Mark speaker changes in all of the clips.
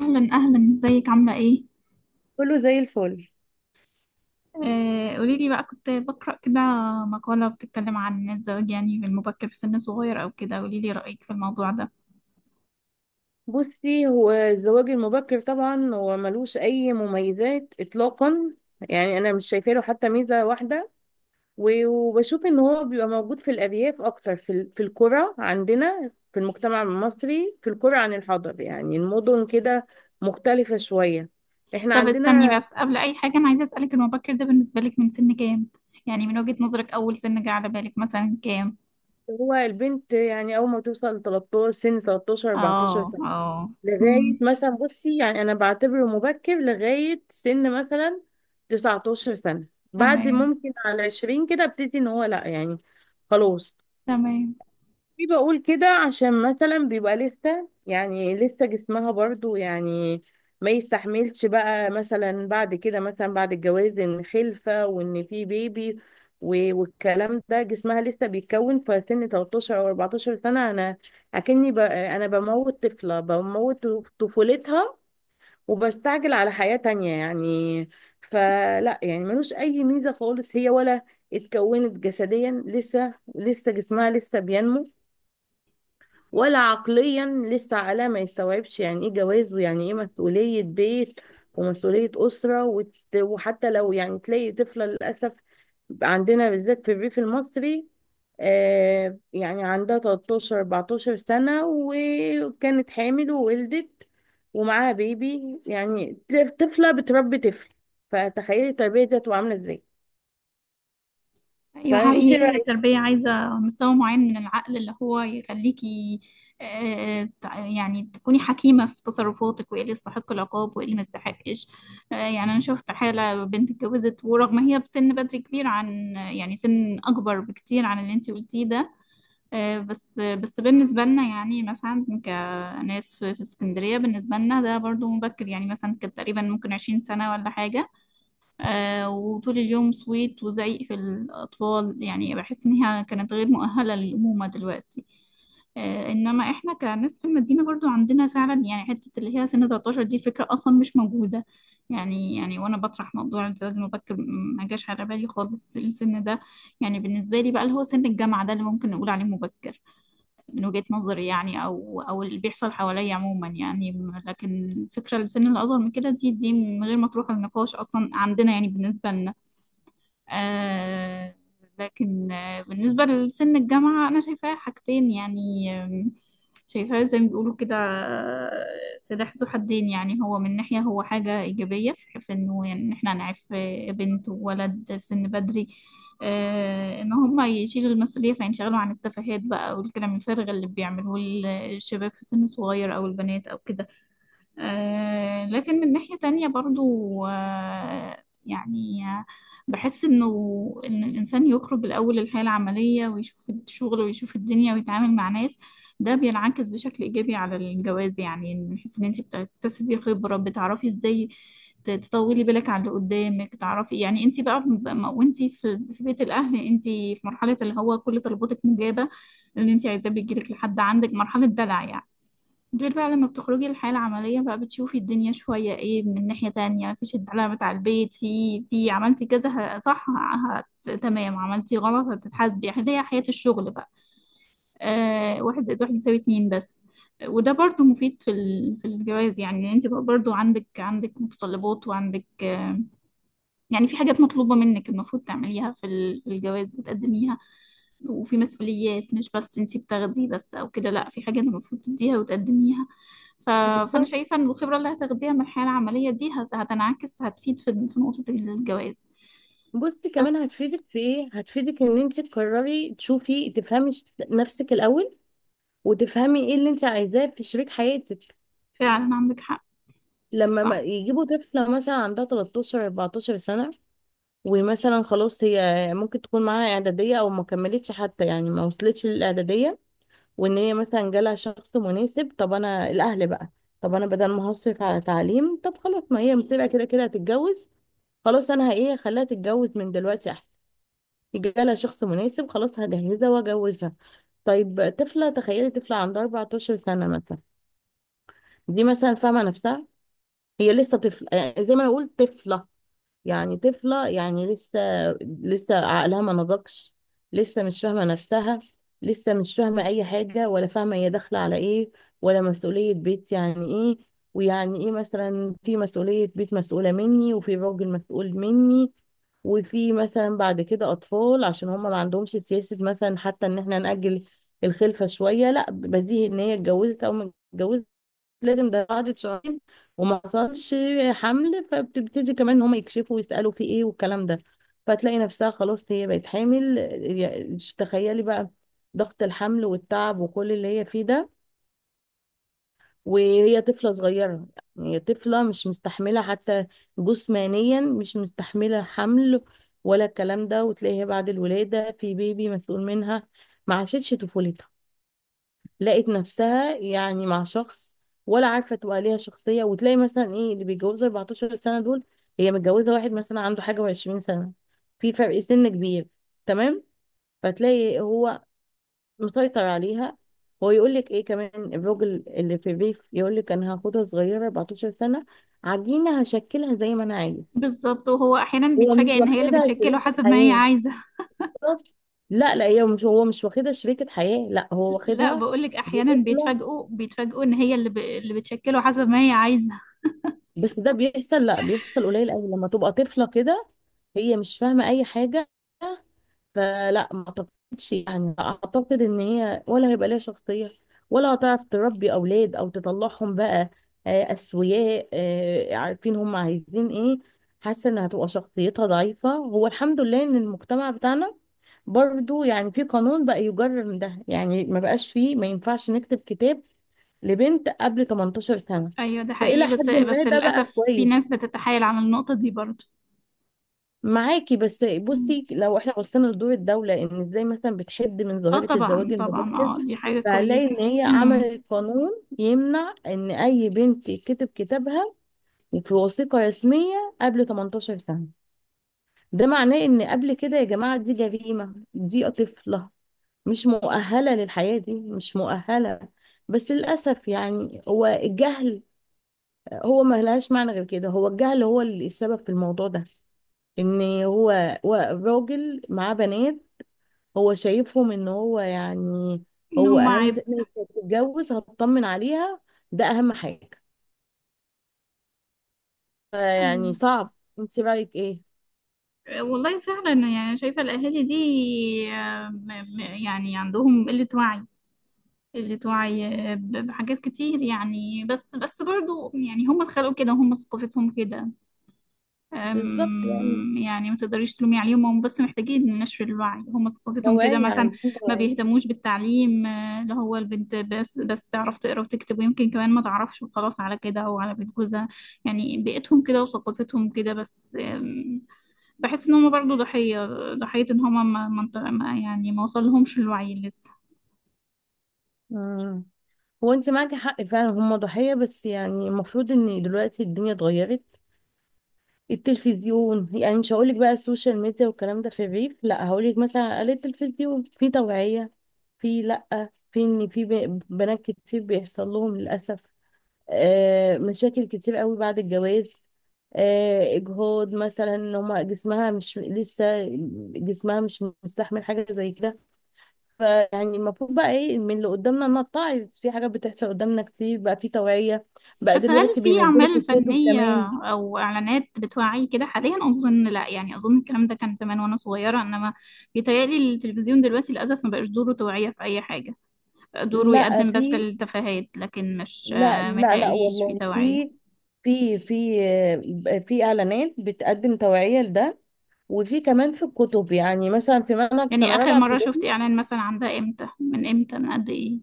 Speaker 1: أهلا أهلا، ازيك؟ عاملة ايه؟
Speaker 2: كله زي الفل.
Speaker 1: آه، قوليلي بقى. كنت بقرأ كده مقالة بتتكلم عن الزواج يعني بالمبكر في سن صغير أو كده. قوليلي رأيك في الموضوع ده.
Speaker 2: بصي، هو الزواج المبكر طبعا هو ملوش اي مميزات اطلاقا. يعني انا مش شايفه له حتى ميزه واحده. وبشوف ان هو بيبقى موجود في الارياف اكتر، في في القرى عندنا في المجتمع المصري، في القرى عن الحضر يعني المدن كده مختلفه شويه. احنا
Speaker 1: طب استني
Speaker 2: عندنا
Speaker 1: بس، قبل أي حاجة أنا عايزة أسألك، المبكر ده بالنسبة لك من سن كام؟ يعني من وجهة نظرك أول سن جه على بالك مثلا كام؟
Speaker 2: هو البنت يعني اول ما توصل 13، سن 13
Speaker 1: اه،
Speaker 2: 14 سنه
Speaker 1: اه.
Speaker 2: لغاية
Speaker 1: أمم.
Speaker 2: مثلا، بصي يعني أنا بعتبره مبكر لغاية سن مثلا 19 سنة. بعد
Speaker 1: تمام.
Speaker 2: ممكن على 20 كده ابتدي إن هو لأ يعني خلاص.
Speaker 1: تمام.
Speaker 2: في بقول كده عشان مثلا بيبقى لسه، يعني لسه جسمها برضو يعني ما يستحملش بقى، مثلا بعد كده مثلا بعد الجواز ان خلفة وان في بيبي. والكلام ده جسمها لسه بيتكون في سن 13 او 14 سنة. انا بموت طفلة، بموت طفولتها، وبستعجل على حياة تانية يعني. فلا يعني ملوش اي ميزة خالص، هي ولا اتكونت جسديا، لسه جسمها لسه بينمو، ولا عقليا لسه، على ما يستوعبش يعني ايه جواز ويعني ايه مسؤولية بيت ومسؤولية أسرة. وحتى لو يعني تلاقي طفلة للأسف عندنا بالذات في الريف المصري آه يعني عندها 13 14 سنة وكانت حامل وولدت ومعاها بيبي يعني، طفلة بتربي طفل. فتخيلي التربية دي هتبقى عاملة ازاي.
Speaker 1: ايوه،
Speaker 2: فانت
Speaker 1: حقيقي هي
Speaker 2: رأيك.
Speaker 1: التربية عايزة مستوى معين من العقل اللي هو يخليكي. آه، يعني تكوني حكيمة في تصرفاتك، وايه اللي يستحق العقاب وايه اللي ما يستحقش. آه، يعني انا شفت حالة بنت اتجوزت، ورغم هي بسن بدري كبير عن يعني سن اكبر بكتير عن اللي انتي قلتيه ده. آه، بس بس بالنسبة لنا يعني مثلا، كناس في اسكندرية، بالنسبة لنا ده برضو مبكر يعني. مثلا كانت تقريبا ممكن 20 سنة ولا حاجة. آه، وطول اليوم صويت وزعيق في الأطفال، يعني بحس إن هي كانت غير مؤهلة للأمومة دلوقتي. آه، إنما إحنا كناس في المدينة برضو عندنا فعلا يعني حتة، اللي هي سن 13 دي فكرة أصلا مش موجودة. يعني وأنا بطرح موضوع الزواج المبكر ما جاش على بالي خالص السن ده. يعني بالنسبة لي بقى اللي هو سن الجامعة ده اللي ممكن نقول عليه مبكر، من وجهة نظري يعني، او اللي بيحصل حواليا عموما يعني، لكن فكرة السن اللي اصغر من كده دي من غير ما تروح النقاش اصلا عندنا يعني بالنسبة لنا. آه. لكن بالنسبة لسن الجامعة أنا شايفاها حاجتين يعني. شايفاها زي ما بيقولوا كده. آه، سلاح ذو حدين. يعني هو من ناحية هو حاجة إيجابية، في في إنه يعني إن إحنا نعرف، بنت وولد في سن بدري. آه، إن هما يشيلوا المسؤولية فينشغلوا عن التفاهات بقى، والكلام الفارغ اللي بيعملوه الشباب في سن صغير أو البنات أو كده. آه، لكن من ناحية تانية برضو، يعني، بحس إنه، إن الإنسان يخرج الأول الحياة العملية ويشوف الشغل ويشوف الدنيا ويتعامل مع ناس، ده بينعكس بشكل إيجابي على الجواز. يعني من حيث إن أنت بتكتسبي خبرة، بتعرفي إزاي تطولي بالك على اللي قدامك. تعرفي يعني، أنت بقى، وأنت في في بيت الأهل أنت في مرحلة اللي هو كل طلباتك مجابة، اللي أنت عايزاه بيجيلك لحد عندك. مرحلة دلع يعني. غير بقى لما بتخرجي للحياة العملية بقى بتشوفي الدنيا شوية. ايه، من ناحية تانية مفيش الدلع بتاع البيت. في في عملتي كذا، صح. تمام، عملتي غلط هتتحاسبي، يعني هي حياة الشغل بقى. آه، واحد زائد واحد يساوي اتنين بس. وده برضو مفيد في الجواز يعني. يعني انت بقى برضو عندك متطلبات، وعندك. يعني في حاجات مطلوبة منك المفروض تعمليها في الجواز وتقدميها. وفي مسؤوليات، مش بس انتي بتاخديه بس او كده، لا، في حاجة انت المفروض تديها وتقدميها. ف... فانا
Speaker 2: بالظبط.
Speaker 1: شايفة ان الخبرة اللي هتاخديها من الحياة العملية دي هتنعكس، هتفيد في نقطة الجواز.
Speaker 2: بصي كمان
Speaker 1: بس
Speaker 2: هتفيدك في ايه، هتفيدك ان انت تقرري تشوفي تفهمي نفسك الاول، وتفهمي ايه اللي انت عايزاه في شريك حياتك.
Speaker 1: فعلا عندك حق.
Speaker 2: لما
Speaker 1: صح.
Speaker 2: يجيبوا طفلة مثلا عندها 13 14 سنة، ومثلا خلاص هي ممكن تكون معاها اعدادية او ما كملتش حتى، يعني ما وصلتش للاعدادية، وان هي مثلا جالها شخص مناسب. طب انا الاهل بقى، طب انا بدل ما هصرف على تعليم، طب خلاص ما هي مسيبة، كده كده هتتجوز، خلاص انا ايه، خليها تتجوز من دلوقتي احسن، جالها شخص مناسب خلاص هجهزها واجوزها. طيب طفله، تخيلي طفله عندها 14 سنه مثلا، دي مثلا فاهمه نفسها؟ هي لسه طفله، يعني زي ما انا اقول طفله يعني، طفلة يعني لسه عقلها ما نضجش، لسه مش فاهمة نفسها، لسه مش فاهمة أي حاجة، ولا فاهمة هي داخلة على إيه، ولا مسؤولية بيت يعني إيه، ويعني إيه مثلا في مسؤولية بيت مسؤولة مني وفي راجل مسؤول مني، وفي مثلا بعد كده أطفال، عشان هم ما عندهمش سياسة مثلا حتى إن إحنا نأجل الخلفة شوية، لا بديهي إن هي اتجوزت أو ما اتجوزت لازم، ده قعدت شهرين وما حصلش حمل فبتبتدي كمان ان هم يكشفوا ويسألوا في ايه والكلام ده. فتلاقي نفسها خلاص هي بقت حامل. تخيلي بقى ضغط الحمل والتعب وكل اللي هي فيه ده، وهي طفلة صغيرة. يعني هي طفلة مش مستحملة حتى، جسمانيا مش مستحملة حمل ولا الكلام ده. وتلاقيها بعد الولادة في بيبي مسؤول منها، ما عاشتش طفولتها، لقت نفسها يعني مع شخص، ولا عارفه تبقى ليها شخصيه. وتلاقي مثلا ايه اللي بيتجوزوا 14 سنه دول، هي متجوزه واحد مثلا عنده حاجه و20 سنه، في فرق سن كبير، تمام؟ فتلاقي هو مسيطر عليها. هو يقول لك ايه كمان، الراجل اللي في الريف يقول لك انا هاخدها صغيره 14 سنه، عجينه هشكلها زي ما انا عايز.
Speaker 1: بالظبط. وهو احيانا
Speaker 2: هو مش
Speaker 1: بيتفاجئ ان هي اللي
Speaker 2: واخدها
Speaker 1: بتشكله
Speaker 2: شريكة
Speaker 1: حسب ما هي
Speaker 2: حياة،
Speaker 1: عايزة.
Speaker 2: لا لا، هي مش هو مش واخدها شريكة حياة، لا هو
Speaker 1: لا،
Speaker 2: واخدها
Speaker 1: بقولك
Speaker 2: دي
Speaker 1: احيانا
Speaker 2: طفلة.
Speaker 1: بيتفاجئوا ان هي اللي اللي بتشكله حسب ما هي عايزة.
Speaker 2: بس ده بيحصل، لا بيحصل قليل قوي لما تبقى طفلة كده، هي مش فاهمة أي حاجة. فلا ما اعتقدش، يعني اعتقد ان هي ولا هيبقى ليها شخصية، ولا هتعرف تربي اولاد او تطلعهم بقى اسوياء عارفين هم عايزين ايه. حاسة انها هتبقى شخصيتها ضعيفة. هو الحمد لله ان المجتمع بتاعنا برضو يعني في قانون بقى يجرر من ده، يعني ما بقاش فيه، ما ينفعش نكتب كتاب لبنت قبل 18 سنة،
Speaker 1: ايوه، ده
Speaker 2: فإلى
Speaker 1: حقيقي.
Speaker 2: حد
Speaker 1: بس
Speaker 2: ما
Speaker 1: بس
Speaker 2: ده بقى
Speaker 1: للاسف في
Speaker 2: كويس.
Speaker 1: ناس بتتحايل على النقطة دي برضه.
Speaker 2: معاكي، بس بصي لو احنا بصينا لدور الدولة، ان ازاي مثلا بتحد من
Speaker 1: اه،
Speaker 2: ظاهرة الزواج
Speaker 1: طبعا طبعا،
Speaker 2: المبكر،
Speaker 1: اه دي حاجة
Speaker 2: فهنلاقي
Speaker 1: كويسة
Speaker 2: ان هي
Speaker 1: امم
Speaker 2: عملت قانون يمنع ان اي بنت يتكتب كتابها في وثيقة رسمية قبل 18 سنة. ده معناه ان قبل كده يا جماعة دي جريمة، دي طفلة مش مؤهلة للحياة دي، مش مؤهلة. بس للأسف يعني هو الجهل، هو ما لهاش معنى غير كده، هو الجهل هو اللي السبب في الموضوع ده. ان هو راجل معاه بنات، هو شايفهم ان هو يعني
Speaker 1: ان
Speaker 2: هو
Speaker 1: هما
Speaker 2: اهم
Speaker 1: عيب.
Speaker 2: ناس هتتجوز هتطمن عليها، ده اهم حاجه. فيعني صعب. انت رايك ايه؟
Speaker 1: آه، والله فعلا، يعني شايفة الأهالي دي، آه، يعني عندهم قلة وعي، قلة وعي. آه، بحاجات كتير يعني. بس بس برضو يعني هم اتخلقوا كده، هم ثقافتهم كده.
Speaker 2: بالظبط يعني،
Speaker 1: يعني ما تقدريش تلومي عليهم. هم بس محتاجين نشر الوعي، هم ثقافتهم كده
Speaker 2: توعيه،
Speaker 1: مثلا.
Speaker 2: عايزين
Speaker 1: ما
Speaker 2: توعيه.
Speaker 1: بيهتموش بالتعليم، اللي هو البنت بس بس تعرف تقرا وتكتب، ويمكن كمان ما تعرفش وخلاص، على كده او على بيت جوزها. يعني بيئتهم كده وثقافتهم كده بس. بحس ان هم برضو ضحية. ضحية ان هم ما يعني ما وصلهمش الوعي لسه.
Speaker 2: مم. هو انت معاكي حق فعلا، هم ضحيه، بس يعني المفروض ان دلوقتي الدنيا اتغيرت. التلفزيون يعني، مش هقولك بقى السوشيال ميديا والكلام ده في الريف، لا هقولك مثلا على التلفزيون في توعية. في، لا في، ان في بنات كتير بيحصل لهم للأسف مشاكل كتير قوي بعد الجواز، اجهاض مثلا، ان هما جسمها مش لسه، جسمها مش مستحمل حاجه زي كده. فيعني المفروض بقى ايه، من اللي قدامنا نتعظ، في حاجات بتحصل قدامنا كتير. بقى في توعيه بقى
Speaker 1: بس هل
Speaker 2: دلوقتي،
Speaker 1: في
Speaker 2: بينزلوا في
Speaker 1: أعمال
Speaker 2: الكتب
Speaker 1: فنية
Speaker 2: كمان.
Speaker 1: أو إعلانات بتوعي كده حاليا؟ أظن لا يعني. أظن الكلام ده كان زمان وأنا صغيرة، إنما بيتهيألي التلفزيون دلوقتي للأسف ما بقاش دوره توعية في أي حاجة. دوره
Speaker 2: لا
Speaker 1: يقدم بس
Speaker 2: في،
Speaker 1: التفاهات، لكن مش
Speaker 2: لا
Speaker 1: آه، ما
Speaker 2: لا لا
Speaker 1: يتهيأليش في
Speaker 2: والله
Speaker 1: توعية.
Speaker 2: في، في، في، في اعلانات بتقدم توعية لده، وفي كمان في الكتب، يعني مثلا في منهج
Speaker 1: يعني
Speaker 2: سنة
Speaker 1: آخر
Speaker 2: رابعة
Speaker 1: مرة شفت
Speaker 2: ابتدائي.
Speaker 1: إعلان مثلا عن ده إمتى؟ من إمتى، من قد إيه؟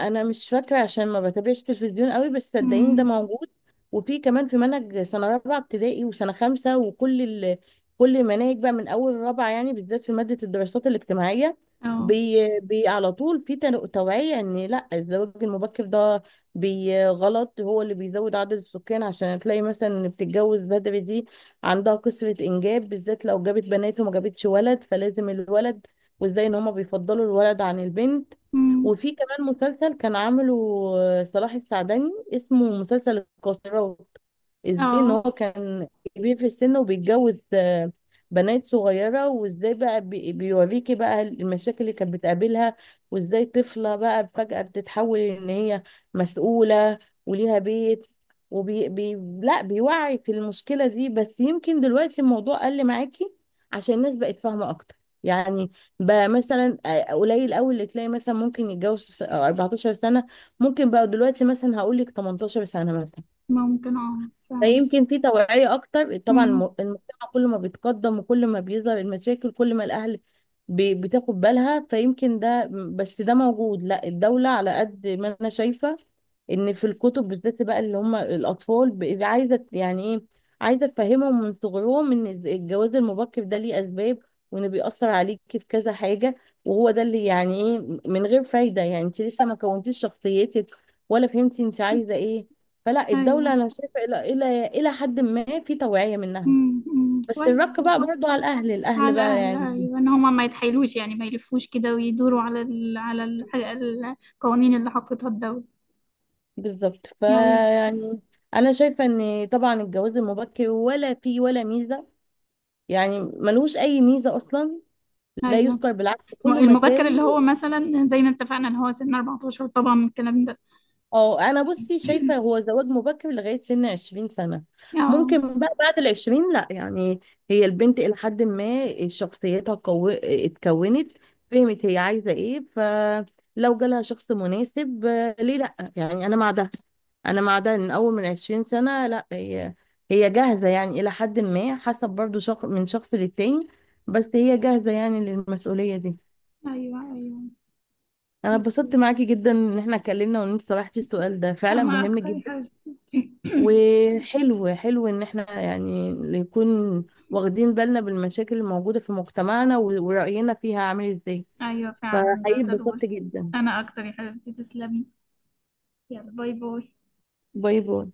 Speaker 2: انا مش فاكره عشان ما بتابعش تلفزيون قوي، بس صدقيني ده
Speaker 1: مم.
Speaker 2: موجود. وفي كمان في منهج سنه رابعه ابتدائي وسنه خمسه وكل كل المناهج بقى من اول رابعه، يعني بالذات في ماده الدراسات الاجتماعيه،
Speaker 1: أه.
Speaker 2: بي على طول في توعيه ان لا الزواج المبكر ده بي غلط، هو اللي بيزود عدد السكان. عشان تلاقي مثلا اللي بتتجوز بدري دي عندها كثره انجاب، بالذات لو جابت بنات وما جابتش ولد، فلازم الولد. وازاي ان هما بيفضلوا الولد عن البنت.
Speaker 1: مم.
Speaker 2: وفي كمان مسلسل كان عامله صلاح السعدني، اسمه مسلسل القاصرات، ازاي ان
Speaker 1: أه.
Speaker 2: هو كان كبير في السن وبيتجوز بنات صغيرة، وازاي بقى بيوريكي بقى المشاكل اللي كانت بتقابلها، وازاي طفلة بقى فجأة بتتحول ان هي مسؤولة وليها بيت، وبي بي لا بيوعي في المشكلة دي. بس يمكن دلوقتي الموضوع قل معاكي عشان الناس بقت فاهمة اكتر، يعني بقى مثلا قليل قوي اللي تلاقي مثلا ممكن يتجوز في 14 سنة، ممكن بقى دلوقتي مثلا هقول لك 18 سنة مثلا.
Speaker 1: ممكن، أه فعلا.
Speaker 2: فيمكن في توعية أكتر. طبعا
Speaker 1: مم.
Speaker 2: المجتمع كل ما بيتقدم وكل ما بيظهر المشاكل، كل ما الأهل بتاخد بالها، فيمكن ده. بس ده موجود، لا الدولة على قد ما أنا شايفة ان في الكتب بالذات بقى، اللي هم الاطفال عايزه يعني ايه، عايزه تفهمهم من صغرهم ان الجواز المبكر ده ليه اسباب، وان بيأثر عليك في كذا حاجه، وهو ده اللي يعني ايه من غير فايده، يعني انت لسه ما كونتيش شخصيتك ولا فهمتي انت عايزه ايه. فلا الدوله
Speaker 1: أيوه.
Speaker 2: انا شايفه الى حد ما في توعيه منها.
Speaker 1: مم. مم.
Speaker 2: بس
Speaker 1: كويس
Speaker 2: الرق بقى
Speaker 1: والله.
Speaker 2: برضو على الاهل، الاهل
Speaker 1: على
Speaker 2: بقى
Speaker 1: الأهل،
Speaker 2: يعني.
Speaker 1: أيوة، إن هما ما يتحايلوش يعني، ما يلفوش كده ويدوروا على القوانين اللي حطتها الدولة.
Speaker 2: بالظبط.
Speaker 1: أيوة.
Speaker 2: فيعني انا شايفه ان طبعا الجواز المبكر ولا فيه ولا ميزه، يعني ملوش اي ميزه اصلا، لا
Speaker 1: أيوة.
Speaker 2: يذكر بالعكس كله
Speaker 1: المبكر
Speaker 2: مساوي.
Speaker 1: اللي هو مثلا زي ما اتفقنا إن هو سن 14 طبعا، الكلام ده.
Speaker 2: اه انا بصي شايفه هو زواج مبكر لغايه سن 20 سنه،
Speaker 1: اه.
Speaker 2: ممكن بقى بعد ال 20 لا يعني، هي البنت الى حد ما شخصيتها اتكونت، فهمت هي عايزه ايه، فلو جالها شخص مناسب ليه لا؟ يعني انا مع ده، انا مع ده من اول من 20 سنه، لا هي، هي جاهزه يعني، الى حد ما حسب برضو شخص من شخص للتاني، بس هي جاهزه يعني للمسؤوليه دي.
Speaker 1: أيوة أيوة.
Speaker 2: انا اتبسطت
Speaker 1: مظبوط.
Speaker 2: معاكي جدا ان احنا اتكلمنا، وان انت طرحتي السؤال ده فعلا
Speaker 1: أنا
Speaker 2: مهم
Speaker 1: أكتر يا
Speaker 2: جدا،
Speaker 1: حبيبتي.
Speaker 2: وحلو حلو ان احنا يعني نكون واخدين بالنا بالمشاكل الموجودة في مجتمعنا ورأينا فيها عامل ازاي.
Speaker 1: أيوة فعلا
Speaker 2: فحقيقي
Speaker 1: ده ضروري.
Speaker 2: اتبسطت جدا.
Speaker 1: أنا أكتر يا حبيبتي، تسلمي. يلا، باي باي.
Speaker 2: باي باي.